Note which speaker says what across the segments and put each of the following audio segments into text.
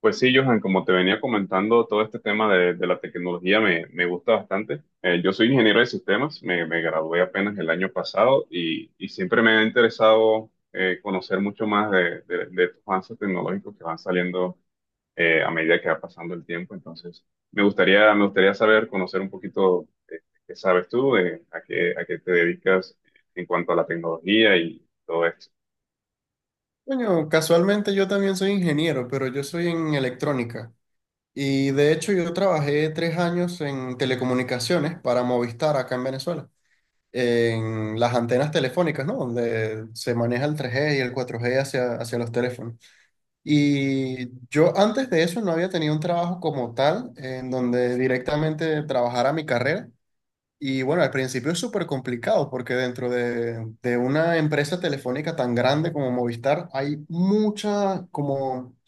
Speaker 1: Pues sí, Johan, como te venía comentando, todo este tema de la tecnología me gusta bastante. Yo soy ingeniero de sistemas, me gradué apenas el año pasado y siempre me ha interesado conocer mucho más de estos avances tecnológicos que van saliendo a medida que va pasando el tiempo. Entonces, me gustaría saber, conocer un poquito qué sabes tú, de a qué te dedicas en cuanto a la tecnología y todo esto.
Speaker 2: Bueno, casualmente yo también soy ingeniero, pero yo soy en electrónica. Y de hecho yo trabajé 3 años en telecomunicaciones para Movistar acá en Venezuela, en las antenas telefónicas, ¿no? Donde se maneja el tres g y el cuatro g hacia, hacia los teléfonos. Y yo antes de eso no había tenido un trabajo como tal, en donde directamente trabajara mi carrera. Y bueno, al principio es súper complicado porque dentro de una empresa telefónica tan grande como Movistar hay mucha como...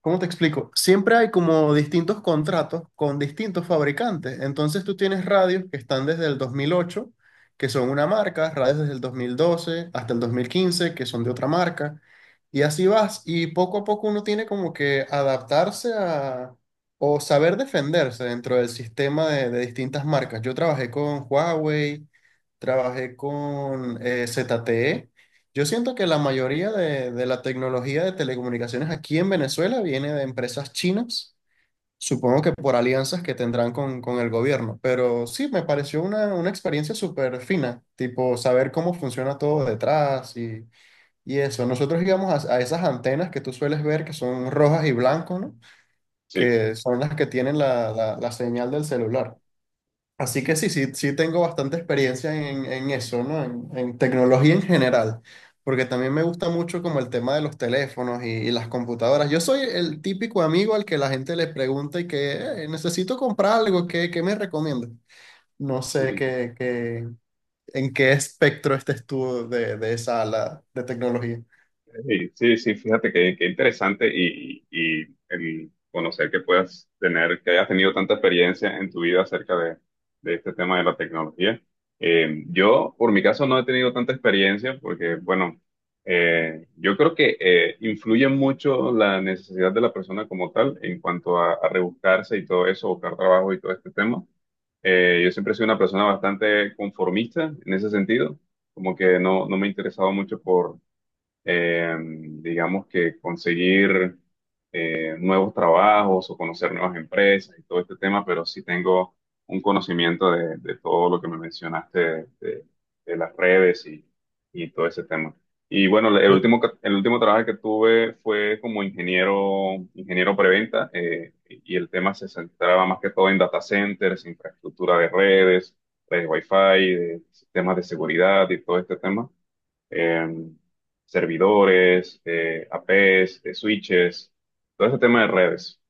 Speaker 2: ¿Cómo te explico? Siempre hay como distintos contratos con distintos fabricantes. Entonces tú tienes radios que están desde el 2008, que son una marca, radios desde el 2012 hasta el 2015 que son de otra marca. Y así vas. Y poco a poco uno tiene como que adaptarse a... o saber defenderse dentro del sistema de distintas marcas. Yo trabajé con Huawei, trabajé con ZTE. Yo siento que la mayoría de la tecnología de telecomunicaciones aquí en Venezuela viene de empresas chinas, supongo que por alianzas que tendrán con el gobierno, pero sí, me pareció una experiencia súper fina, tipo saber cómo funciona todo detrás y eso. Nosotros íbamos a esas antenas que tú sueles ver que son rojas y blancas, ¿no?
Speaker 1: Sí.
Speaker 2: Que son las que tienen la señal del celular. Así que sí, sí, sí tengo bastante experiencia en eso, ¿no? En tecnología en general, porque también me gusta mucho como el tema de los teléfonos y las computadoras. Yo soy el típico amigo al que la gente le pregunta y que: Necesito comprar algo, ¿qué, qué me recomiendas? No sé qué, qué-" en qué espectro estés tú de esa ala de tecnología.
Speaker 1: Sí, sí, sí, fíjate que interesante y el conocer que puedas tener, que hayas tenido tanta experiencia en tu vida acerca de este tema de la tecnología. Yo, por mi caso, no he tenido tanta experiencia porque, bueno, yo creo que influye mucho la necesidad de la persona como tal en cuanto a rebuscarse y todo eso, buscar trabajo y todo este tema. Yo siempre he sido una persona bastante conformista en ese sentido, como que no, no me he interesado mucho digamos que conseguir nuevos trabajos o conocer nuevas empresas y todo este tema, pero sí tengo un conocimiento de todo lo que me mencionaste de las redes y todo ese tema. Y bueno, el último trabajo que tuve fue como ingeniero preventa, y el tema se centraba más que todo en data centers, infraestructura de redes, redes Wi-Fi, de sistemas de seguridad y todo este tema, em, servidores, APs, switches, todo ese tema de redes.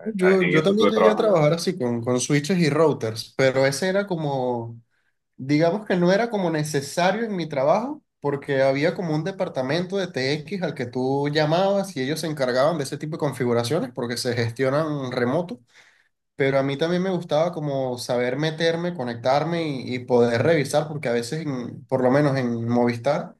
Speaker 1: Eh,
Speaker 2: Yo,
Speaker 1: En
Speaker 2: yo
Speaker 1: eso
Speaker 2: también
Speaker 1: estuve
Speaker 2: llegué a
Speaker 1: trabajando.
Speaker 2: trabajar así con switches y routers, pero ese era como... Digamos que no era como necesario en mi trabajo, porque había como un departamento de T X al que tú llamabas y ellos se encargaban de ese tipo de configuraciones porque se gestionan remoto, pero a mí también me gustaba como saber meterme, conectarme y poder revisar, porque a veces, en- por lo menos en Movistar,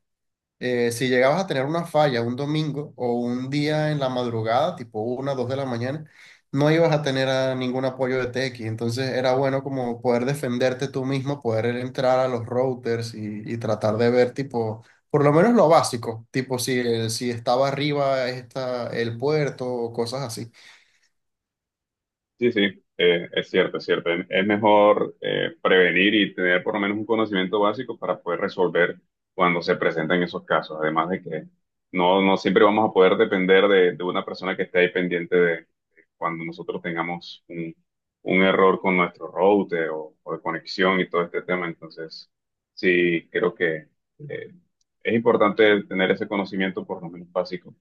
Speaker 2: si llegabas a tener una falla un domingo o un día en la madrugada, tipo una, dos de la mañana, no ibas a tener a ningún apoyo de t TX. Entonces era bueno como poder defenderte tú mismo, poder entrar a los routers y tratar de ver tipo, por lo menos lo básico, tipo si, el- si estaba arriba está el puerto o cosas así.
Speaker 1: Sí, sí, es cierto, es cierto. Es mejor prevenir y tener por lo menos un conocimiento básico para poder resolver cuando se presentan esos casos. Además de que no, no siempre vamos a poder depender de una persona que esté ahí pendiente de cuando nosotros tengamos un error con nuestro router o de conexión y todo este tema. Entonces, sí, creo que eh, es importante tener ese conocimiento por lo menos básico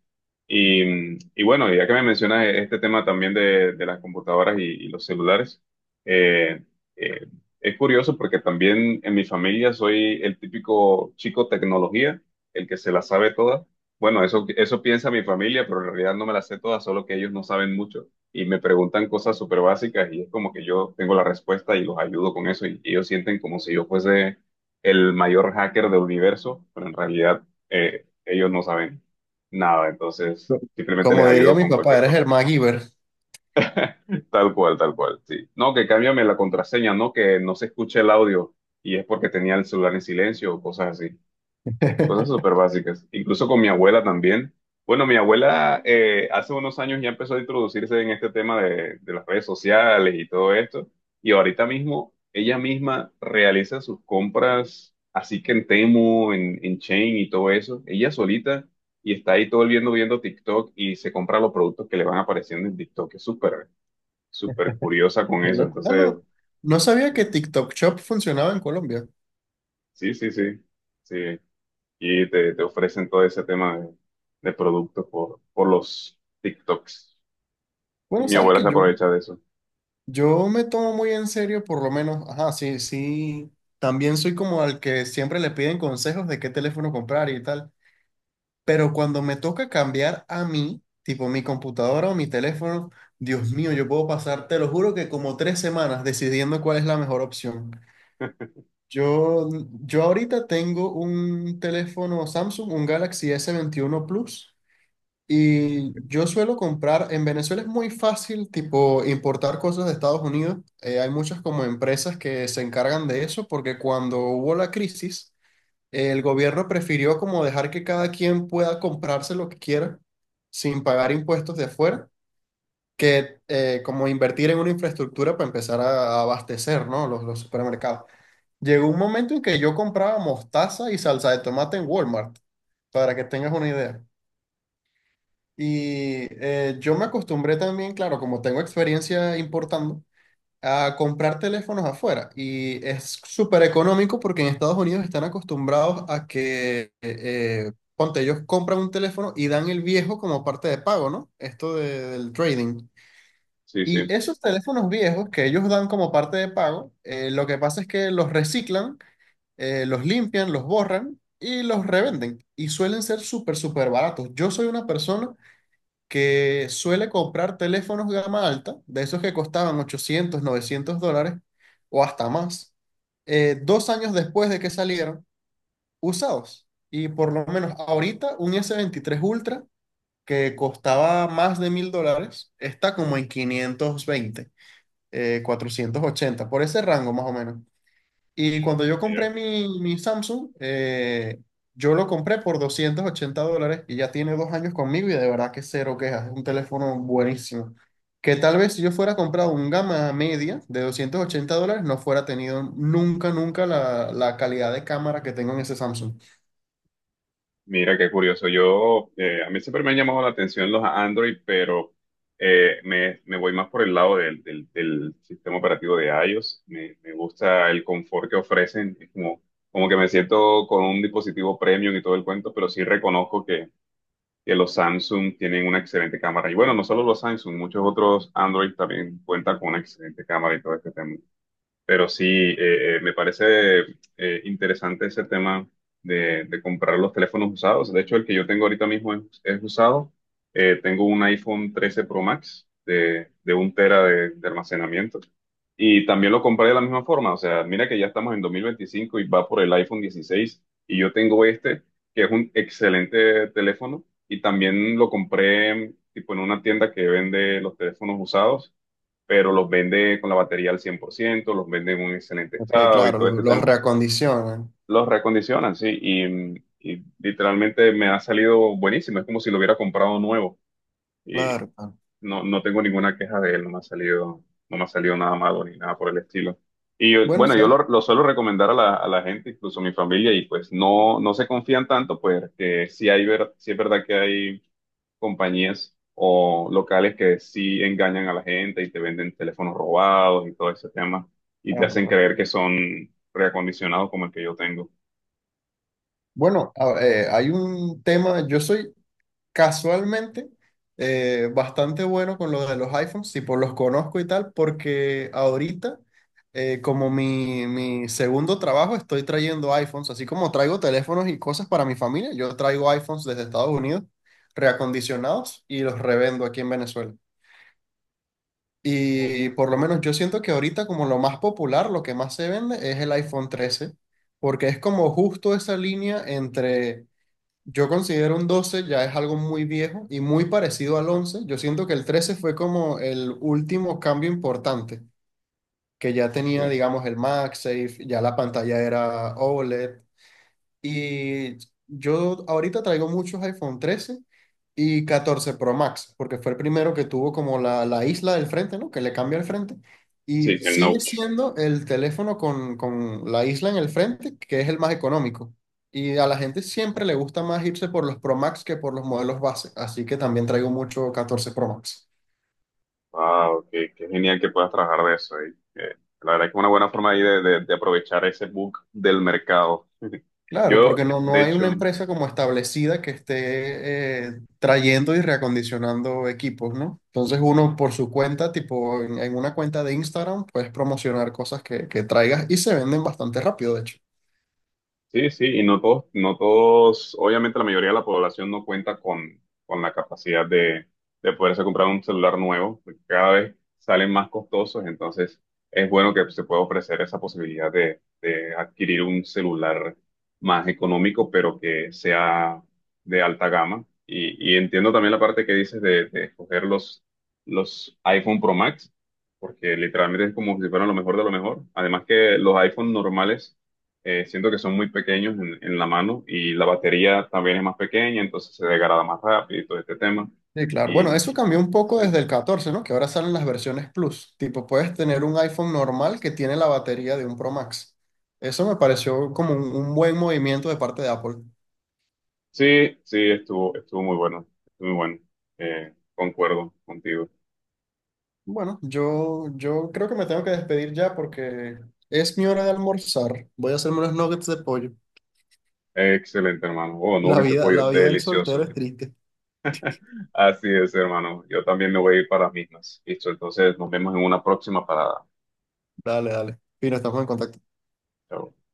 Speaker 1: y bueno, ya que me mencionas este tema también de las computadoras y los celulares, eh, eh, es curioso porque también en mi familia soy el típico chico tecnología, el que se la sabe toda. Bueno, eso piensa mi familia, pero en realidad no me la sé toda, solo que ellos no saben mucho y me preguntan cosas súper básicas y es como que yo tengo la respuesta y los ayudo con eso y ellos sienten como si yo fuese el mayor hacker del universo, pero en realidad ellos no saben. Nada, entonces
Speaker 2: Co-
Speaker 1: simplemente les
Speaker 2: Como diría
Speaker 1: ayudo
Speaker 2: mi
Speaker 1: con
Speaker 2: papá,
Speaker 1: cualquier
Speaker 2: eres el
Speaker 1: cosa.
Speaker 2: MacGyver.
Speaker 1: Tal cual, sí. No, que cámbiame la contraseña, no que no se escuche el audio y es porque tenía el celular en silencio o cosas así. Cosas súper básicas. Incluso con mi abuela también. Bueno, mi abuela hace unos años ya empezó a introducirse en este tema de las redes sociales y todo esto. Y ahorita mismo ella misma realiza sus compras, así que en Temu, en Chain y todo eso. Ella solita y está ahí todo el viendo, viendo TikTok y se compra los productos que le van apareciendo en TikTok. Es súper, súper curiosa con
Speaker 2: Qué
Speaker 1: eso.
Speaker 2: loco. Ah,
Speaker 1: Entonces,
Speaker 2: no, no sabía que TikTok Shop funcionaba en Colombia.
Speaker 1: sí, sí, sí. Sí. Y te ofrecen todo ese tema de productos por los TikToks. Y
Speaker 2: Bueno,
Speaker 1: mi
Speaker 2: ¿sabes
Speaker 1: abuela
Speaker 2: que
Speaker 1: se
Speaker 2: yo...?
Speaker 1: aprovecha de eso.
Speaker 2: Yo me tomo muy en serio, por lo menos, ajá, sí, sí, también soy como al que siempre le piden consejos de qué teléfono comprar y tal, pero cuando me toca cambiar a mí, tipo mi computadora o mi teléfono, Dios mío, yo puedo pasar, te lo juro que como 3 semanas decidiendo cuál es la mejor opción. Yo, yo ahorita tengo un teléfono Samsung, un Galaxy s 21 Plus, y yo suelo comprar, en Venezuela es muy fácil, tipo, importar cosas de Estados Unidos. Hay muchas como empresas que se encargan de eso porque cuando hubo la crisis, el gobierno prefirió como dejar que cada quien pueda comprarse lo que quiera sin pagar impuestos de afuera, que como invertir en una infraestructura para empezar a abastecer, ¿no? Los supermercados. Llegó un momento en que yo compraba mostaza y salsa de tomate en Walmart, para que tengas una idea. Y yo me acostumbré también, claro, como tengo experiencia importando, a comprar teléfonos afuera. Y es súper económico porque en Estados Unidos están acostumbrados a que, ponte, ellos compran un teléfono y dan el viejo como parte de pago, ¿no? Esto de- del trading.
Speaker 1: Sí, sí.
Speaker 2: Y esos teléfonos viejos que ellos dan como parte de pago, lo que pasa es que los reciclan, los limpian, los borran y los revenden. Y suelen ser súper, súper baratos. Yo soy una persona que suele comprar teléfonos gama alta, de esos que costaban 800, $900 o hasta más, 2 años después de que salieron, usados. Y por lo menos ahorita un S23 Ultra que costaba más de $1000 está como en 520, 480, por ese rango más o menos. Y cuando yo
Speaker 1: Mira.
Speaker 2: compré mi, mi Samsung, yo lo compré por $280 y ya tiene 2 años conmigo y de verdad que cero quejas. Es un teléfono buenísimo. Que tal vez si yo fuera comprado un gama media de $280, no fuera tenido nunca, nunca la, la calidad de cámara que tengo en ese Samsung.
Speaker 1: Mira, qué curioso. Yo, a mí siempre me han llamado la atención los Android, pero me voy más por el lado del sistema operativo de iOS. Me gusta el confort que ofrecen. Es como, como que me siento con un dispositivo premium y todo el cuento, pero sí reconozco que los Samsung tienen una excelente cámara. Y bueno, no solo los Samsung, muchos otros Android también cuentan con una excelente cámara y todo este tema. Pero sí, me parece interesante ese tema de comprar los teléfonos usados. De hecho, el que yo tengo ahorita mismo es usado. Tengo un iPhone 13 Pro Max de un tera de almacenamiento. Y también lo compré de la misma forma. O sea, mira que ya estamos en 2025 y va por el iPhone 16. Y yo tengo este, que es un excelente teléfono. Y también lo compré tipo en una tienda que vende los teléfonos usados pero los vende con la batería al 100%, los vende en un excelente
Speaker 2: Ok,
Speaker 1: estado y
Speaker 2: claro,
Speaker 1: todo
Speaker 2: lo-
Speaker 1: este
Speaker 2: los
Speaker 1: tema.
Speaker 2: reacondicionan.
Speaker 1: Los reacondicionan, sí, y literalmente me ha salido buenísimo. Es como si lo hubiera comprado nuevo y
Speaker 2: Claro, claro.
Speaker 1: no, no tengo ninguna queja de él, no me ha salido nada malo ni nada por el estilo.
Speaker 2: Bueno,
Speaker 1: Yo
Speaker 2: ¿sabes?
Speaker 1: lo suelo recomendar a la gente, incluso a mi familia, y pues no, no se confían tanto, pues que sí, hay ver, sí es verdad que hay compañías o locales que sí engañan a la gente y te venden teléfonos robados y todo ese tema y te
Speaker 2: Claro,
Speaker 1: hacen
Speaker 2: claro.
Speaker 1: creer que son reacondicionados como el que yo tengo.
Speaker 2: Bueno, a- hay un tema, yo soy... Casualmente, bastante bueno con lo de los iPhones, tipo los conozco y tal, porque ahorita, como mi segundo trabajo, estoy trayendo iPhones, así como traigo teléfonos y cosas para mi familia, yo traigo iPhones desde Estados Unidos, reacondicionados, y los revendo aquí en Venezuela. Y por lo menos yo siento que ahorita como lo más popular, lo que más se vende es el iPhone 13 porque es como justo esa línea entre... yo considero un 12 ya es algo muy viejo y muy parecido al 11. Yo siento que el 13 fue como el último cambio importante, que ya tenía,
Speaker 1: Sí,
Speaker 2: digamos, el MagSafe, ya la pantalla era OLED, y yo ahorita traigo muchos iPhone 13 y catorce Pro Max, porque fue el primero que tuvo como la isla del frente, ¿no? Que le cambia el frente. Y
Speaker 1: sí, el
Speaker 2: sigue
Speaker 1: Notch.
Speaker 2: siendo el teléfono con la isla en el frente, que es el más económico. Y a la gente siempre le gusta más irse por los Pro Max que por los modelos base. Así que también traigo mucho catorce Pro Max.
Speaker 1: Wow, qué, qué genial que puedas trabajar de eso. Eh. La verdad que es una buena forma ahí de aprovechar ese bug del mercado.
Speaker 2: Claro,
Speaker 1: Yo,
Speaker 2: porque no,
Speaker 1: de
Speaker 2: no hay
Speaker 1: hecho,
Speaker 2: una empresa como establecida que esté trayendo y reacondicionando equipos, ¿no? Entonces uno por su cuenta, tipo en una cuenta de Instagram, puedes promocionar cosas que traigas y se venden bastante rápido, de hecho.
Speaker 1: sí, sí, y no todos, no todos, obviamente la mayoría de la población no cuenta con la capacidad de poderse comprar un celular nuevo, porque cada vez salen más costosos, entonces es bueno que se pueda ofrecer esa posibilidad de adquirir un celular más económico, pero que sea de alta gama. Y entiendo también la parte que dices de escoger los iPhone Pro Max, porque literalmente es como si fueran lo mejor de lo mejor. Además que los iPhone normales siento que son muy pequeños en la mano y la batería también es más pequeña, entonces se degrada más rápido y todo este tema.
Speaker 2: Sí, claro. Bueno,
Speaker 1: Y
Speaker 2: eso cambió un
Speaker 1: sí,
Speaker 2: poco desde el 14, ¿no? Que ahora salen las versiones Plus. Tipo, puedes tener un iPhone normal que tiene la batería de un Pro Max. Eso me pareció como un buen movimiento de parte de Apple.
Speaker 1: sí, sí, estuvo, estuvo muy bueno, estuvo muy bueno. Concuerdo contigo.
Speaker 2: Bueno, yo creo que me tengo que despedir ya porque es mi hora de almorzar. Voy a hacerme unos nuggets de pollo.
Speaker 1: Excelente, hermano. Oh, no, que ese pollo,
Speaker 2: La vida del soltero
Speaker 1: delicioso.
Speaker 2: es triste.
Speaker 1: Así es, hermano. Yo también me voy a ir para las mismas. Listo, entonces nos vemos en una próxima parada.
Speaker 2: Dale, dale. Fino, estamos en contacto.
Speaker 1: Chao.